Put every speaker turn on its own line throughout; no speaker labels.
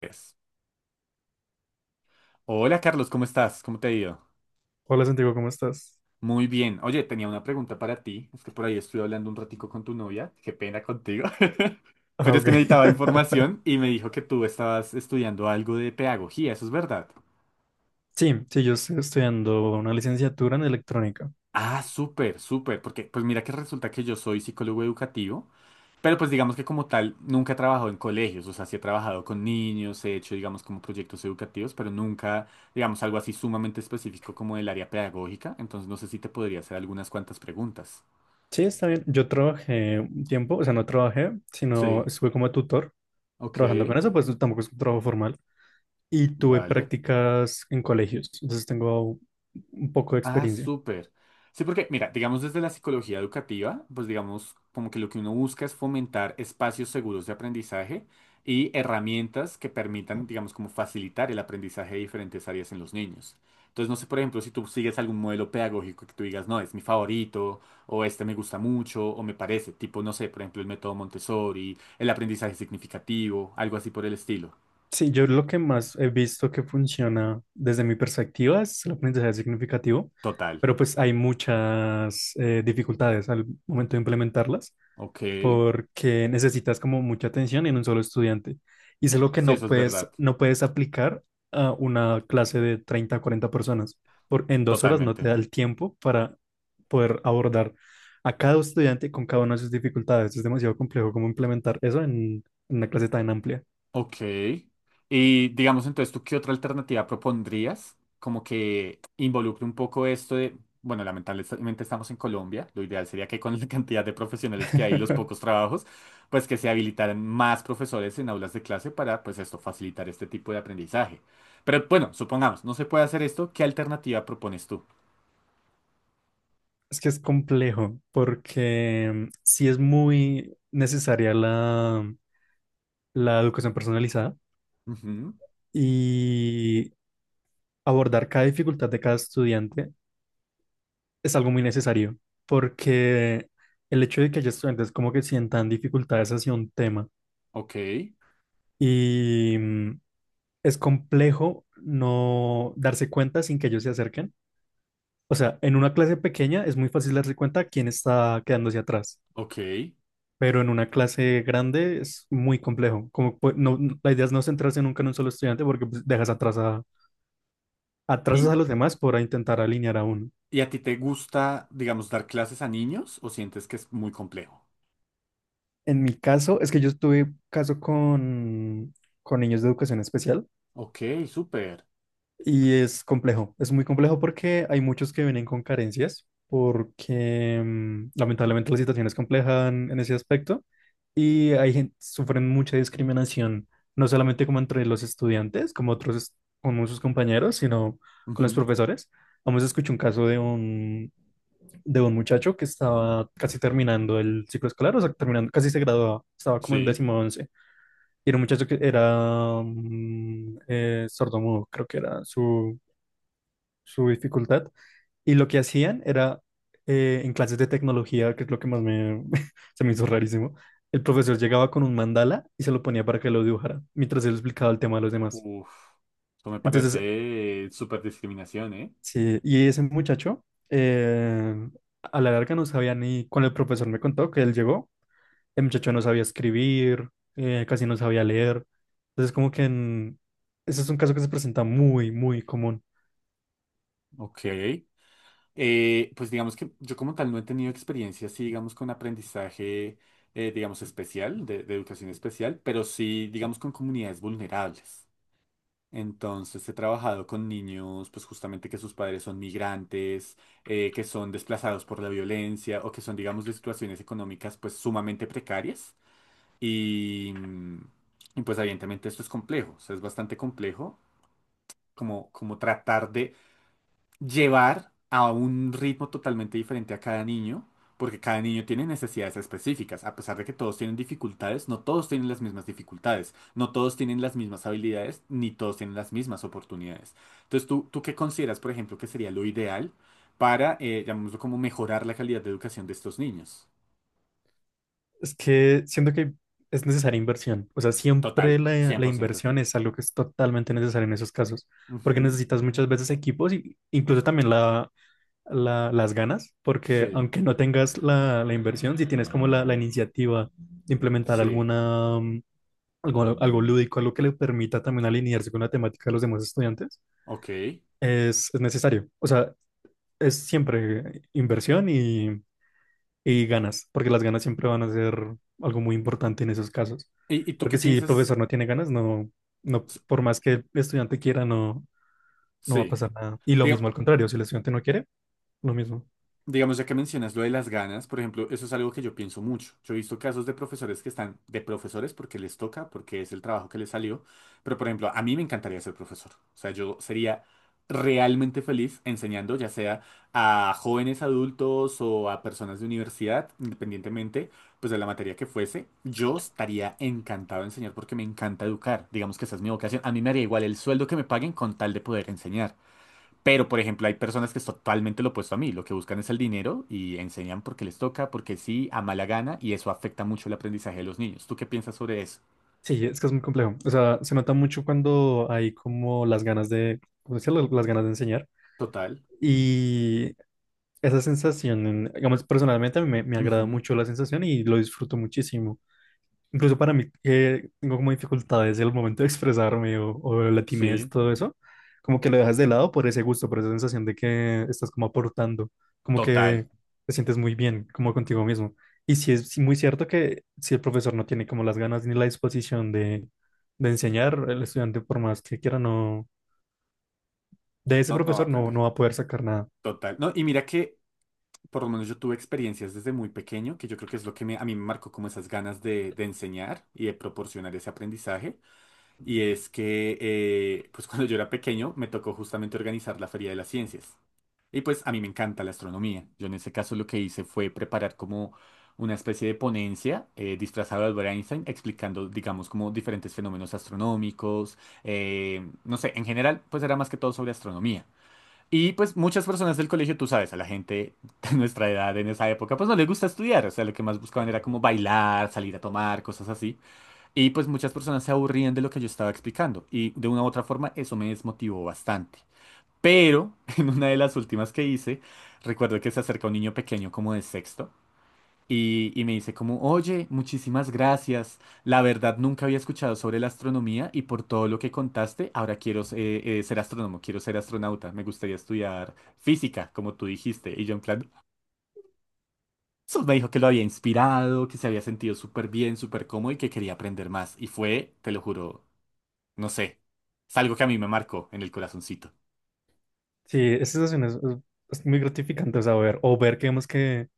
Pues, hola Carlos, ¿cómo estás? ¿Cómo te ha ido?
Hola Santiago, ¿cómo estás?
Muy bien. Oye, tenía una pregunta para ti. Es que por ahí estuve hablando un ratico con tu novia. Qué pena contigo.
Ah,
Pero es
ok.
que necesitaba información y me dijo que tú estabas estudiando algo de pedagogía. ¿Eso es verdad?
Sí, sí, yo estoy estudiando una licenciatura en electrónica.
Ah, súper, súper. Porque pues mira que resulta que yo soy psicólogo educativo, pero pues digamos que como tal nunca he trabajado en colegios. O sea, sí he trabajado con niños, he hecho digamos como proyectos educativos, pero nunca digamos algo así sumamente específico como del área pedagógica. Entonces no sé si te podría hacer algunas cuantas preguntas.
Sí, está bien. Yo trabajé un tiempo, o sea, no trabajé, sino
Sí,
estuve como tutor
ok,
trabajando con eso, pues tampoco es un trabajo formal. Y tuve
vale.
prácticas en colegios, entonces tengo un poco de
Ah,
experiencia.
súper. Sí, porque, mira, digamos desde la psicología educativa, pues digamos como que lo que uno busca es fomentar espacios seguros de aprendizaje y herramientas que permitan, digamos, como facilitar el aprendizaje de diferentes áreas en los niños. Entonces, no sé, por ejemplo, si tú sigues algún modelo pedagógico que tú digas, no, es mi favorito, o este me gusta mucho, o me parece, tipo, no sé, por ejemplo, el método Montessori, el aprendizaje significativo, algo así por el estilo.
Sí, yo lo que más he visto que funciona desde mi perspectiva es el aprendizaje significativo,
Total.
pero pues hay muchas dificultades al momento de implementarlas,
Ok.
porque necesitas como mucha atención en un solo estudiante. Y es lo que
Sí, eso
no
es
puedes,
verdad.
no puedes aplicar a una clase de 30 a 40 personas. Por, en 2 horas no te
Totalmente.
da el tiempo para poder abordar a cada estudiante con cada una de sus dificultades. Es demasiado complejo cómo implementar eso en una clase tan amplia.
Ok. Y digamos entonces, ¿tú qué otra alternativa propondrías? Como que involucre un poco esto de, bueno, lamentablemente estamos en Colombia, lo ideal sería que con la cantidad de profesionales que hay y los pocos trabajos, pues que se habilitaran más profesores en aulas de clase para, pues esto, facilitar este tipo de aprendizaje. Pero bueno, supongamos, no se puede hacer esto, ¿qué alternativa propones tú?
Es que es complejo porque sí es muy necesaria la educación personalizada
Ujú,
y abordar cada dificultad de cada estudiante es algo muy necesario, porque el hecho de que haya estudiantes como que sientan dificultades hacia un tema
ok,
y mm, es complejo no darse cuenta sin que ellos se acerquen. O sea, en una clase pequeña es muy fácil darse cuenta quién está quedándose atrás,
ok.
pero en una clase grande es muy complejo. Como pu- no, no- la idea es no centrarse nunca en un solo estudiante porque pues, dejas atrás a, atrasas
¿Y,
a los demás por intentar alinear a uno.
y a ti te gusta, digamos, dar clases a niños o sientes que es muy complejo?
En mi caso, es que yo tuve caso con niños de educación especial.
Ok, súper.
Y es complejo, es muy complejo porque hay muchos que vienen con carencias, porque lamentablemente la situación es compleja en ese aspecto y hay gente, sufren mucha discriminación, no solamente como entre los estudiantes, como otros, como sus compañeros, sino con los
Ujú,
profesores. Vamos a escuchar un caso de un muchacho que estaba casi terminando el ciclo escolar, o sea, terminando, casi se graduaba, estaba como en
sí.
décimo 11. Y era un muchacho que era sordomudo, creo que era su dificultad. Y lo que hacían era, en clases de tecnología, que es lo que más se me hizo rarísimo, el profesor llegaba con un mandala y se lo ponía para que lo dibujara, mientras él explicaba el tema a los demás.
Uf, eso me
Entonces,
parece súper discriminación, ¿eh?
sí, y ese muchacho, eh, a la larga no sabía ni, cuando el profesor me contó que él llegó, el muchacho no sabía escribir, casi no sabía leer. Entonces, como que ese es un caso que se presenta muy, muy común.
Ok. Pues digamos que yo como tal no he tenido experiencia así, digamos, con aprendizaje, digamos, especial, de educación especial, pero sí, digamos, con comunidades vulnerables. Entonces he trabajado con niños, pues justamente que sus padres son migrantes, que son desplazados por la violencia o que son, digamos, de situaciones económicas, pues sumamente precarias. Y, y, pues evidentemente esto es complejo, o sea, es bastante complejo como, como tratar de llevar a un ritmo totalmente diferente a cada niño, porque cada niño tiene necesidades específicas, a pesar de que todos tienen dificultades, no todos tienen las mismas dificultades, no todos tienen las mismas habilidades, ni todos tienen las mismas oportunidades. Entonces, ¿ tú qué consideras, por ejemplo, que sería lo ideal para, llamémoslo como mejorar la calidad de educación de estos niños?
Es que siento que es necesaria inversión. O sea, siempre
Total,
la
100%.
inversión es algo que es totalmente necesario en esos casos, porque
Ujú,
necesitas muchas veces equipos y incluso también las ganas, porque
sí,
aunque no tengas la inversión, si tienes como la iniciativa de implementar
sí.
algo, algo lúdico, algo que le permita también alinearse con la temática de los demás estudiantes,
Ok.
es necesario. O sea, es siempre inversión y ganas, porque las ganas siempre van a ser algo muy importante en esos casos.
Y tú
Porque
qué
si el
piensas?
profesor no tiene ganas, no, no,
S-
por más que el estudiante quiera, no, no va a
Sí.
pasar nada. Y lo
Diga-
mismo al contrario, si el estudiante no quiere, lo mismo.
Digamos, ya que mencionas lo de las ganas, por ejemplo, eso es algo que yo pienso mucho. Yo he visto casos de profesores que están de profesores porque les toca, porque es el trabajo que les salió, pero por ejemplo, a mí me encantaría ser profesor. O sea, yo sería realmente feliz enseñando, ya sea a jóvenes adultos o a personas de universidad, independientemente, pues de la materia que fuese. Yo estaría encantado de enseñar porque me encanta educar. Digamos que esa es mi vocación. A mí me haría igual el sueldo que me paguen con tal de poder enseñar. Pero, por ejemplo, hay personas que es totalmente lo opuesto a mí. Lo que buscan es el dinero y enseñan porque les toca, porque sí, a mala gana, y eso afecta mucho el aprendizaje de los niños. ¿Tú qué piensas sobre eso?
Sí, es que es muy complejo. O sea, se nota mucho cuando hay como las ganas de, ¿cómo decirlo? Las ganas de enseñar.
Total.
Y esa sensación, digamos, personalmente a mí me agrada
Ujú,
mucho la sensación y lo disfruto muchísimo. Incluso para mí, que tengo como dificultades en el momento de expresarme o la timidez y
sí,
todo eso, como que lo dejas de lado por ese gusto, por esa sensación de que estás como aportando, como
total.
que te sientes muy bien, como contigo mismo. Y sí es muy cierto que si el profesor no tiene como las ganas ni la disposición de enseñar, el estudiante, por más que quiera, no, de ese
No, no va
profesor
a
no,
aprender.
no va a poder sacar nada.
Total. No, y mira que por lo menos yo tuve experiencias desde muy pequeño, que yo creo que es lo que me- a mí me marcó como esas ganas de enseñar y de proporcionar ese aprendizaje. Y es que, pues cuando yo era pequeño, me tocó justamente organizar la Feria de las Ciencias. Y pues a mí me encanta la astronomía. Yo en ese caso lo que hice fue preparar como una especie de ponencia disfrazada de Albert Einstein, explicando, digamos, como diferentes fenómenos astronómicos. No sé, en general, pues era más que todo sobre astronomía. Y pues muchas personas del colegio, tú sabes, a la gente de nuestra edad en esa época, pues no les gusta estudiar. O sea, lo que más buscaban era como bailar, salir a tomar, cosas así. Y pues muchas personas se aburrían de lo que yo estaba explicando. Y de una u otra forma, eso me desmotivó bastante. Pero en una de las últimas que hice, recuerdo que se acerca un niño pequeño como de sexto y me dice como, oye, muchísimas gracias. La verdad nunca había escuchado sobre la astronomía y por todo lo que contaste, ahora quiero ser astrónomo, quiero ser astronauta. Me gustaría estudiar física, como tú dijiste. Y yo en plan, eso me dijo que lo había inspirado, que se había sentido súper bien, súper cómodo y que quería aprender más. Y fue, te lo juro, no sé, es algo que a mí me marcó en el corazoncito.
Sí, esa sensación es muy gratificante, o sea, ver, o ver que vemos que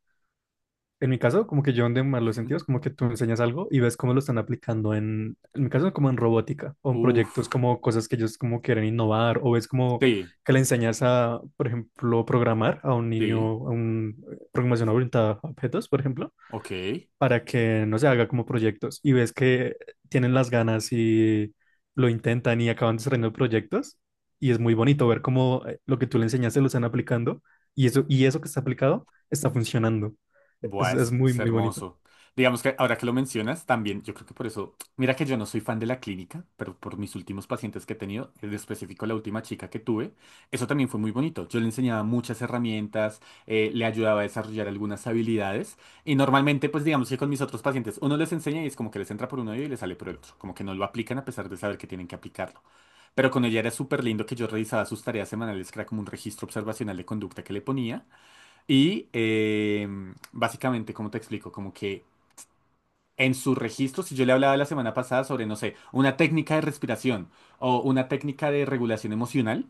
en mi caso, como que yo en de malos
Ujú.
sentidos, como que tú enseñas algo y ves cómo lo están aplicando en mi caso, como en robótica o en
Uf,
proyectos como cosas que ellos como quieren innovar o ves como
sí,
que le enseñas a, por ejemplo, programar a un niño,
sí.
a un programación orientada a objetos, por ejemplo,
Ok,
para que no se haga como proyectos y ves que tienen las ganas y lo intentan y acaban desarrollando proyectos y es muy bonito ver cómo lo que tú le enseñaste lo están aplicando y eso que está aplicado está funcionando.
buah,
Es muy,
es
muy bonito.
hermoso. Digamos que ahora que lo mencionas, también yo creo que por eso, mira que yo no soy fan de la clínica, pero por mis últimos pacientes que he tenido, en específico la última chica que tuve, eso también fue muy bonito. Yo le enseñaba muchas herramientas, le ayudaba a desarrollar algunas habilidades y normalmente pues digamos que con mis otros pacientes uno les enseña y es como que les entra por un oído y les sale por el otro, como que no lo aplican a pesar de saber que tienen que aplicarlo. Pero con ella era súper lindo que yo revisaba sus tareas semanales, que era como un registro observacional de conducta que le ponía. Y básicamente, ¿cómo te explico? Como que en sus registros, si yo le hablaba la semana pasada sobre, no sé, una técnica de respiración o una técnica de regulación emocional,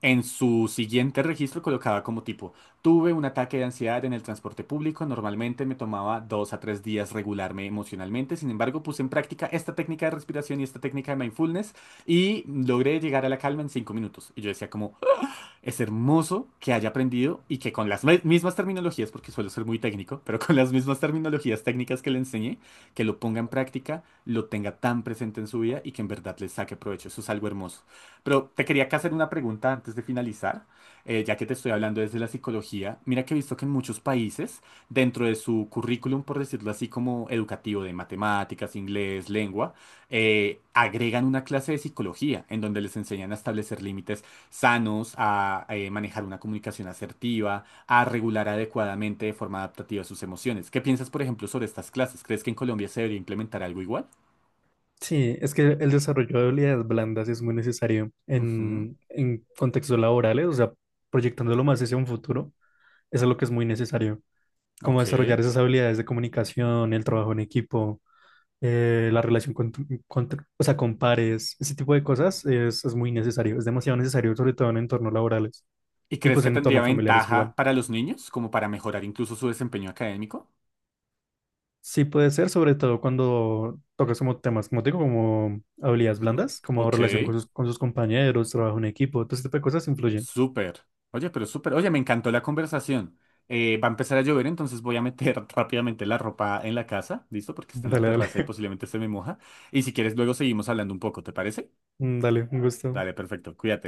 en su siguiente registro colocaba como tipo, tuve un ataque de ansiedad en el transporte público, normalmente me tomaba 2 a 3 días regularme emocionalmente, sin embargo puse en práctica esta técnica de respiración y esta técnica de mindfulness y logré llegar a la calma en 5 minutos. Y yo decía como, es hermoso que haya aprendido y que con las mismas terminologías, porque suelo ser muy técnico, pero con las mismas terminologías técnicas que le enseñé, que lo ponga en práctica, lo tenga tan presente en su vida y que en verdad le saque provecho. Eso es algo hermoso. Pero te quería acá hacer una pregunta antes de finalizar, ya que te estoy hablando desde la psicología. Mira que he visto que en muchos países, dentro de su currículum, por decirlo así, como educativo de matemáticas, inglés, lengua, agregan una clase de psicología en donde les enseñan a establecer límites sanos, a manejar una comunicación asertiva, a regular adecuadamente de forma adaptativa sus emociones. ¿Qué piensas, por ejemplo, sobre estas clases? ¿Crees que en Colombia se debería implementar algo igual?
Sí, es que el desarrollo de habilidades blandas es muy necesario
Ujú,
en contextos laborales, o sea, proyectándolo más hacia un futuro, eso es lo que es muy necesario, como
ok.
desarrollar esas habilidades de comunicación, el trabajo en equipo, la relación con tu- o sea, con pares, ese tipo de cosas es muy necesario, es demasiado necesario, sobre todo en entornos laborales
¿Y
y
crees
pues
que
en
tendría
entornos familiares igual.
ventaja para los niños, como para mejorar incluso su desempeño académico?
Sí puede ser, sobre todo cuando tocas como temas, como te digo, como habilidades
Ujú,
blandas, como
ok,
relación con sus compañeros, trabajo en equipo, todo ese tipo de cosas influyen.
súper. Oye, pero súper. Oye, me encantó la conversación. Va a empezar a llover, entonces voy a meter rápidamente la ropa en la casa, ¿listo? Porque está en la
Dale,
terraza y
dale,
posiblemente se me moja. Y si quieres, luego seguimos hablando un poco, ¿te parece?
dale, un gusto.
Dale, perfecto, cuídate.